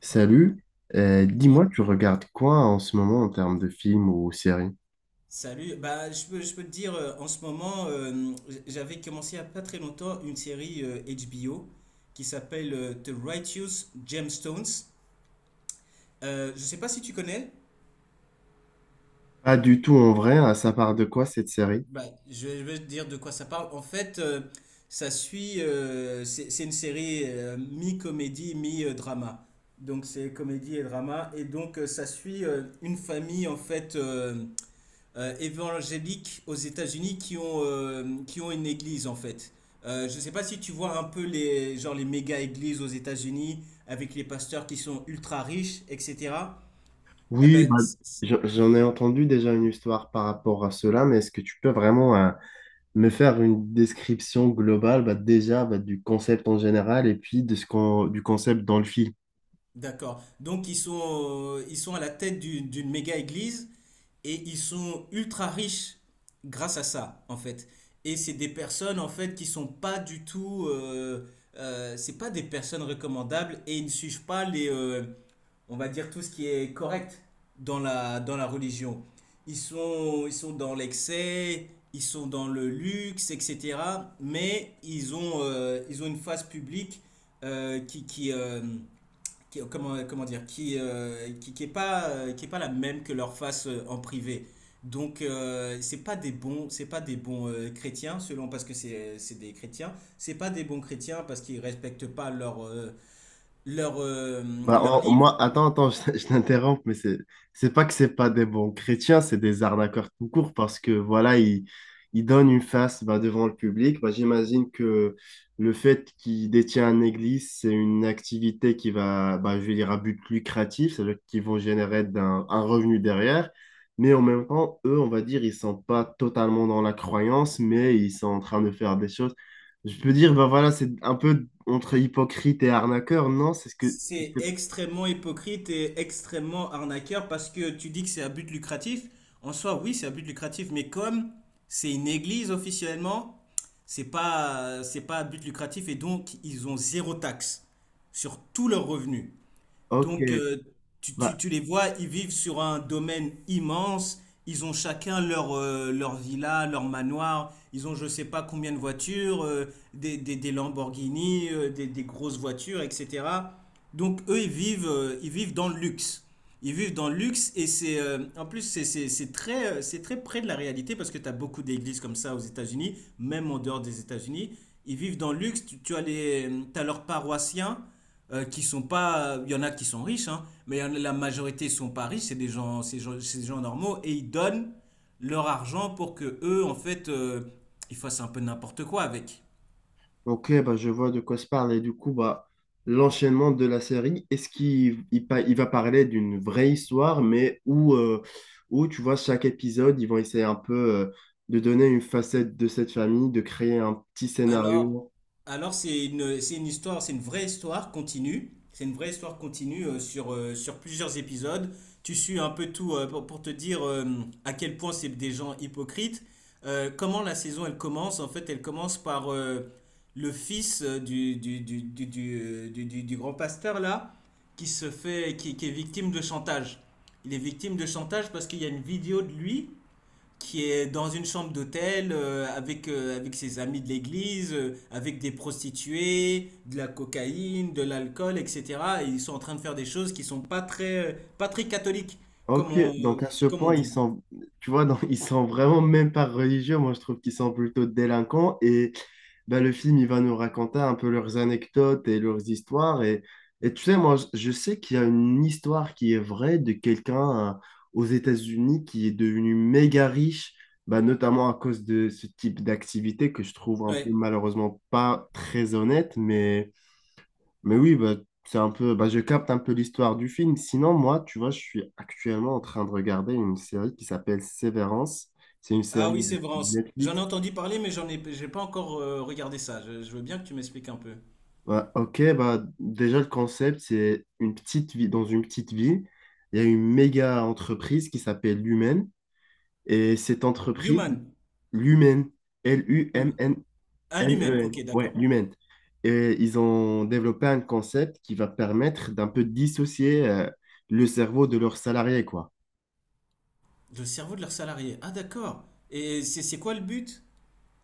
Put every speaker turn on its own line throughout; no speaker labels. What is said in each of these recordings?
Salut. Euh,
Sa-
dis-moi, tu regardes quoi en ce moment en termes de films ou séries?
Salut, je peux te dire, en ce moment, j'avais commencé il n'y a pas très longtemps une série HBO qui s'appelle The Righteous Gemstones. Je sais pas si tu connais.
Pas du tout en vrai, hein, ça part de quoi cette série?
bah, je vais te dire de quoi ça parle. En fait, c'est une série mi-comédie, mi-drama. Donc c'est comédie et drama, et donc ça suit une famille en fait, évangéliques aux États-Unis qui ont une église en fait. Je ne sais pas si tu vois un peu les, genre les méga églises aux États-Unis avec les pasteurs qui sont ultra riches, etc. Eh
Oui,
ben,
bah,
c- c-
j'en ai entendu déjà une histoire par rapport à cela, mais est-ce que tu peux vraiment me faire une description globale, bah, déjà, bah, du concept en général et puis de ce qu'on, du concept dans le film?
d'accord. Donc ils sont à la tête d'une méga église et ils sont ultra riches grâce à ça en fait. Et c'est des personnes en fait qui sont pas du tout, c'est pas des personnes recommandables et ils ne suivent pas les, on va dire, tout ce qui est correct dans la religion. Ils sont dans l'excès, ils sont dans le luxe, etc. Mais ils ont une phase publique euh, qui, qui, euh, comment, comment dire, qui est pas la même que leur face en privé. Donc, c'est pas des bons, c'est pas des bons chrétiens, selon parce que c'est des chrétiens. C'est pas des bons chrétiens parce qu'ils respectent pas leur, leur, euh,
Bah,
leur livre.
moi, attends, attends, je t'interromps, mais c'est pas que c'est pas des bons chrétiens, c'est des arnaqueurs tout court parce que voilà, ils donnent une face, bah, devant le public. Bah, j'imagine que le fait qu'ils détiennent une église, c'est une activité qui va, bah, je vais dire, à but lucratif, c'est-à-dire qu'ils vont générer un revenu derrière. Mais en même temps, eux, on va dire, ils sont pas totalement dans la croyance, mais ils sont en train de faire des choses. Je peux dire, bah voilà, c'est un peu entre hypocrite et arnaqueur, non? C'est ce que
C'est extrêmement hypocrite et extrêmement arnaqueur parce que tu dis que c'est à but lucratif. En soi, oui, c'est à but lucratif, mais comme c'est une église officiellement, c'est pas à but lucratif et donc ils ont zéro taxe sur tous leurs revenus.
Ok,
Donc,
bah,
tu les vois, ils vivent sur un domaine immense. Ils ont chacun leur, leur villa, leur manoir. Ils ont je sais pas combien de voitures, des Lamborghini, des grosses voitures, etc. Donc, eux, ils vivent dans le luxe. Ils vivent dans le luxe et c'est en plus c'est très près de la réalité parce que tu as beaucoup d'églises comme ça aux États-Unis, même en dehors des États-Unis. Ils vivent dans le luxe, tu as les, t'as leurs paroissiens qui sont pas. Il y en a qui sont riches, hein, mais la majorité sont pas riches, c'est des gens normaux et ils donnent leur argent pour que eux, en fait, ils fassent un peu n'importe quoi avec.
ok, bah, je vois de quoi se parle. Et du coup, bah, l'enchaînement de la série, est-ce qu'il il, pa- il va parler d'une vraie histoire, mais où, où, tu vois, chaque épisode, ils vont essayer un peu de donner une facette de cette famille, de créer un petit
Alors,
scénario.
alors, c'est une histoire, c'est une vraie histoire continue. C'est une vraie histoire continue sur plusieurs épisodes. Tu suis un peu tout pour te dire à quel point c'est des gens hypocrites. Comment la saison elle commence? En fait, elle commence par le fils du grand pasteur là, qui se fait, qui est victime de chantage. Il est victime de chantage parce qu'il y a une vidéo de lui qui est dans une chambre d'hôtel avec, avec ses amis de l'église, avec des prostituées, de la cocaïne, de l'alcool, etc. Et ils sont en train de faire des choses qui sont pas très, pas très catholiques, comme
Ok, donc à ce
comme on
point, ils
dit.
sont, tu vois, donc, ils sont vraiment même pas religieux. Moi, je trouve qu'ils sont plutôt délinquants. Et ben, le film, il va nous raconter un peu leurs anecdotes et leurs histoires. Et tu sais, moi, je sais qu'il y a une histoire qui est vraie de quelqu'un aux États-Unis qui est devenu méga riche, ben, notamment à cause de ce type d'activité que je trouve un peu
Ouais.
malheureusement pas très honnête, mais. Mais oui, bah, c'est un peu, bah, je capte un peu l'histoire du film. Sinon, moi, tu vois, je suis actuellement en train de regarder une série qui s'appelle Sévérance. C'est une
Ah
série
oui, c'est Vrance. J'en
Netflix.
ai entendu parler, mais j'ai pas encore regardé ça. Je veux bien que tu m'expliques un peu.
Ouais, ok, bah, déjà, le concept, c'est une petite vie, dans une petite ville, il y a une méga entreprise qui s'appelle Lumen. Et cette entreprise,
Human.
Lumen,
Human.
L-U-M-N-N-E-N,
Ah, l'humaine. Ok,
ouais,
d'accord.
Lumen. Et ils ont développé un concept qui va permettre d'un peu dissocier le cerveau de leurs salariés, quoi.
Le cerveau de leurs salariés. Ah, d'accord. Et c'est quoi le but?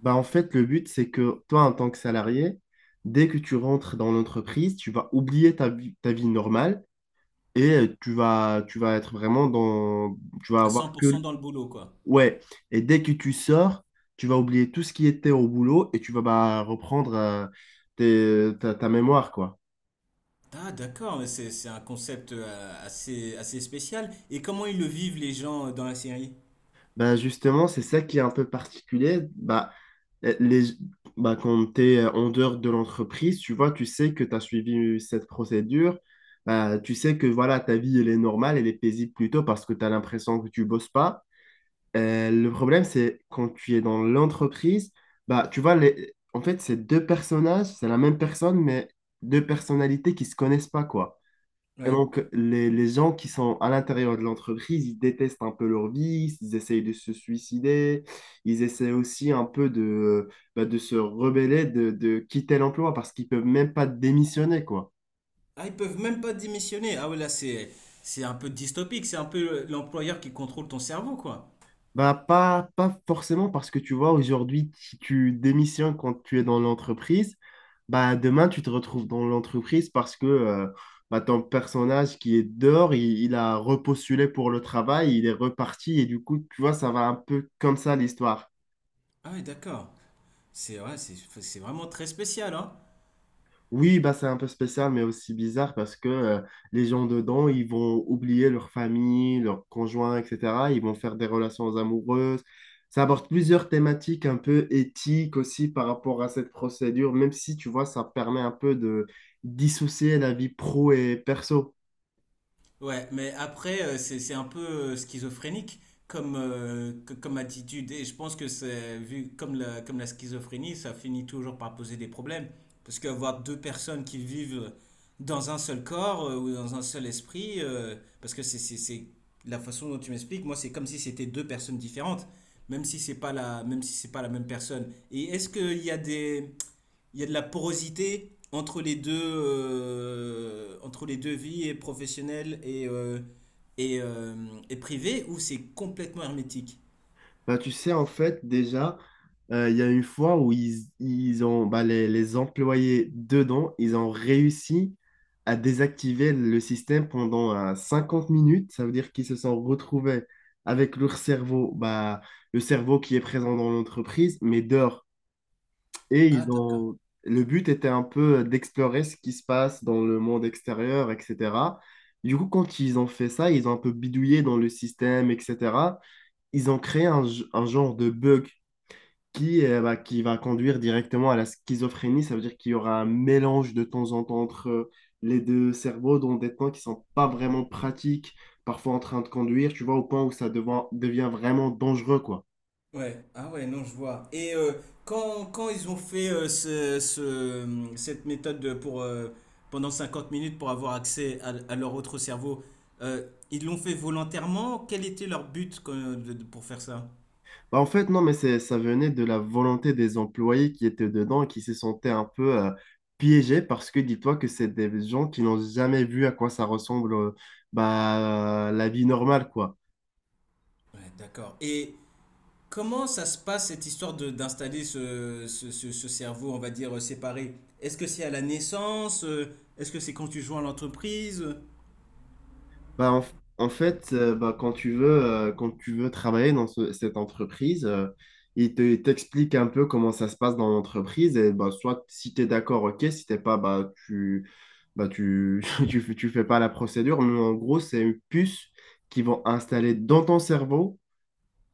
Bah, en fait, le but, c'est que toi, en tant que salarié, dès que tu rentres dans l'entreprise, tu vas oublier ta vie normale et tu vas être vraiment dans... Tu vas
À
avoir
100%
que...
dans le boulot, quoi.
Ouais. Et dès que tu sors, tu vas oublier tout ce qui était au boulot et tu vas, bah, reprendre ta, ta mémoire, quoi.
Ah d'accord, mais c'est un concept assez, assez spécial. Et comment ils le vivent les gens dans la série?
Bah justement, c'est ça qui est un peu particulier. Bah, eh, les, bah quand tu es en dehors de l'entreprise, tu vois, tu sais que tu as suivi cette procédure. Bah, tu sais que voilà, ta vie, elle est normale, elle est paisible plutôt parce que tu as l'impression que tu bosses pas. Le problème, c'est quand tu es dans l'entreprise, bah, tu vois, les, en fait, c'est deux personnages, c'est la même personne, mais deux personnalités qui se connaissent pas, quoi. Et
Ouais.
donc, les gens qui sont à l'intérieur de l'entreprise, ils détestent un peu leur vie, ils essayent de se suicider, ils essaient aussi un peu de, bah, de se rebeller, de quitter l'emploi parce qu'ils peuvent même pas démissionner, quoi.
Ah, ils peuvent même pas démissionner. Ah ouais, là c'est un peu dystopique, c'est un peu l'employeur qui contrôle ton cerveau quoi.
Bah, pas, pas forcément parce que tu vois, aujourd'hui, si tu démissionnes quand tu es dans l'entreprise, bah, demain, tu te retrouves dans l'entreprise parce que bah, ton personnage qui est dehors, il a repostulé pour le travail, il est reparti et du coup, tu vois, ça va un peu comme ça l'histoire.
Ah ouais, d'accord. C'est, ouais, c'est vraiment très spécial hein.
Oui, bah, c'est un peu spécial, mais aussi bizarre parce que les gens dedans, ils vont oublier leur famille, leur conjoint, etc. Ils vont faire des relations amoureuses. Ça aborde plusieurs thématiques un peu éthiques aussi par rapport à cette procédure, même si, tu vois, ça permet un peu de dissocier la vie pro et perso.
Ouais, mais après, c'est un peu schizophrénique comme, comme attitude. Et je pense que c'est vu comme comme la schizophrénie, ça finit toujours par poser des problèmes. Parce qu'avoir deux personnes qui vivent dans un seul corps ou dans un seul esprit, parce que c'est la façon dont tu m'expliques, moi, c'est comme si c'était deux personnes différentes, même si c'est pas même si c'est pas la même personne. Et est-ce qu'il y a des, il y a de la porosité entre les deux vies, et professionnelle et, euh, et privée, ou c'est complètement hermétique?
Bah, tu sais, en fait, déjà, il y a une fois où ils ont, bah, les employés dedans, ils ont réussi à désactiver le système pendant 50 minutes. Ça veut dire qu'ils se sont retrouvés avec leur cerveau, bah, le cerveau qui est présent dans l'entreprise, mais dehors. Et
Ah,
ils
d'accord.
ont... le but était un peu d'explorer ce qui se passe dans le monde extérieur, etc. Du coup, quand ils ont fait ça, ils ont un peu bidouillé dans le système, etc. Ils ont créé un, un genre de bug qui, bah, qui va conduire directement à la schizophrénie. Ça veut dire qu'il y aura un mélange de temps en temps entre les deux cerveaux dans des temps qui sont pas vraiment pratiques, parfois en train de conduire, tu vois, au point où ça devient vraiment dangereux, quoi.
Ouais, ah ouais, non, je vois. Et quand ils ont fait cette méthode pour, pendant 50 minutes pour avoir accès à leur autre cerveau, ils l'ont fait volontairement? Quel était leur but pour faire ça?
Bah, en fait, non, mais c'est, ça venait de la volonté des employés qui étaient dedans et qui se sentaient un peu piégés parce que dis-toi que c'est des gens qui n'ont jamais vu à quoi ça ressemble bah, la vie normale, quoi.
Ouais, d'accord. Et comment ça se passe cette histoire de d'installer ce cerveau, on va dire, séparé? Est-ce que c'est à la naissance? Est-ce que c'est quand tu joins à l'entreprise?
Bah, en fait, bah, quand tu veux travailler dans cette entreprise, il t'explique un peu comment ça se passe dans l'entreprise. Et bah, soit si tu es d'accord, ok, si t'es pas, bah, tu, tu, tu fais pas la procédure. Mais en gros, c'est une puce qu'ils vont installer dans ton cerveau.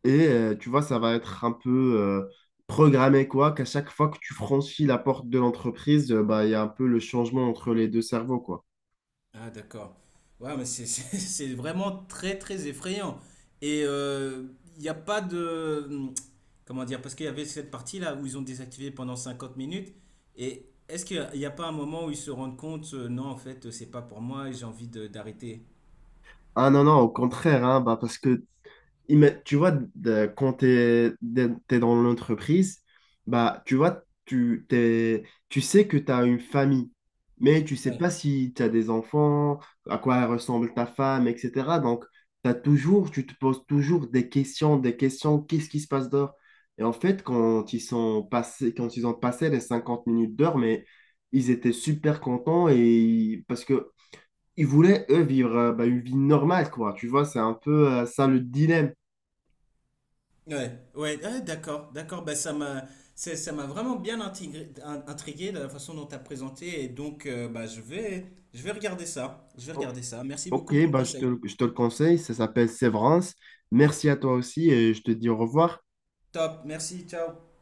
Et tu vois, ça va être un peu programmé, quoi, qu'à chaque fois que tu franchis la porte de l'entreprise, bah, il y a un peu le changement entre les deux cerveaux, quoi.
Ah d'accord. Ouais, mais c'est c'est vraiment très très effrayant. Et il n'y a pas de... hmm, comment dire? Parce qu'il y avait cette partie-là où ils ont désactivé pendant 50 minutes. Et est-ce qu'il n'y a, il y a pas un moment où ils se rendent compte, non, en fait, c'est pas pour moi et j'ai envie d'arrêter?
Ah non, non, au contraire, hein, bah, parce que tu vois, quand tu es, dans l'entreprise, bah, tu vois, tu, tu sais que tu as une famille, mais tu sais pas
Ouais.
si tu as des enfants, à quoi ressemble ta femme, etc. Donc, t'as toujours, tu te poses toujours des questions, qu'est-ce qui se passe dehors? Et en fait, quand ils ont passé les 50 minutes d'heure, mais ils étaient super contents et parce que ils voulaient, eux, vivre bah, une vie normale, quoi. Tu vois, c'est un peu ça le dilemme.
Ouais, ouais, ouais, d'accord, d'accord. Bah, ça m'a vraiment bien intrigué de la façon dont tu as présenté. Et donc, bah, je vais regarder ça. Je vais
O-
regarder ça. Merci beaucoup
Ok,
pour le
bah,
conseil.
je te le conseille, ça s'appelle Sévrance. Merci à toi aussi et je te dis au revoir.
Top, merci, ciao.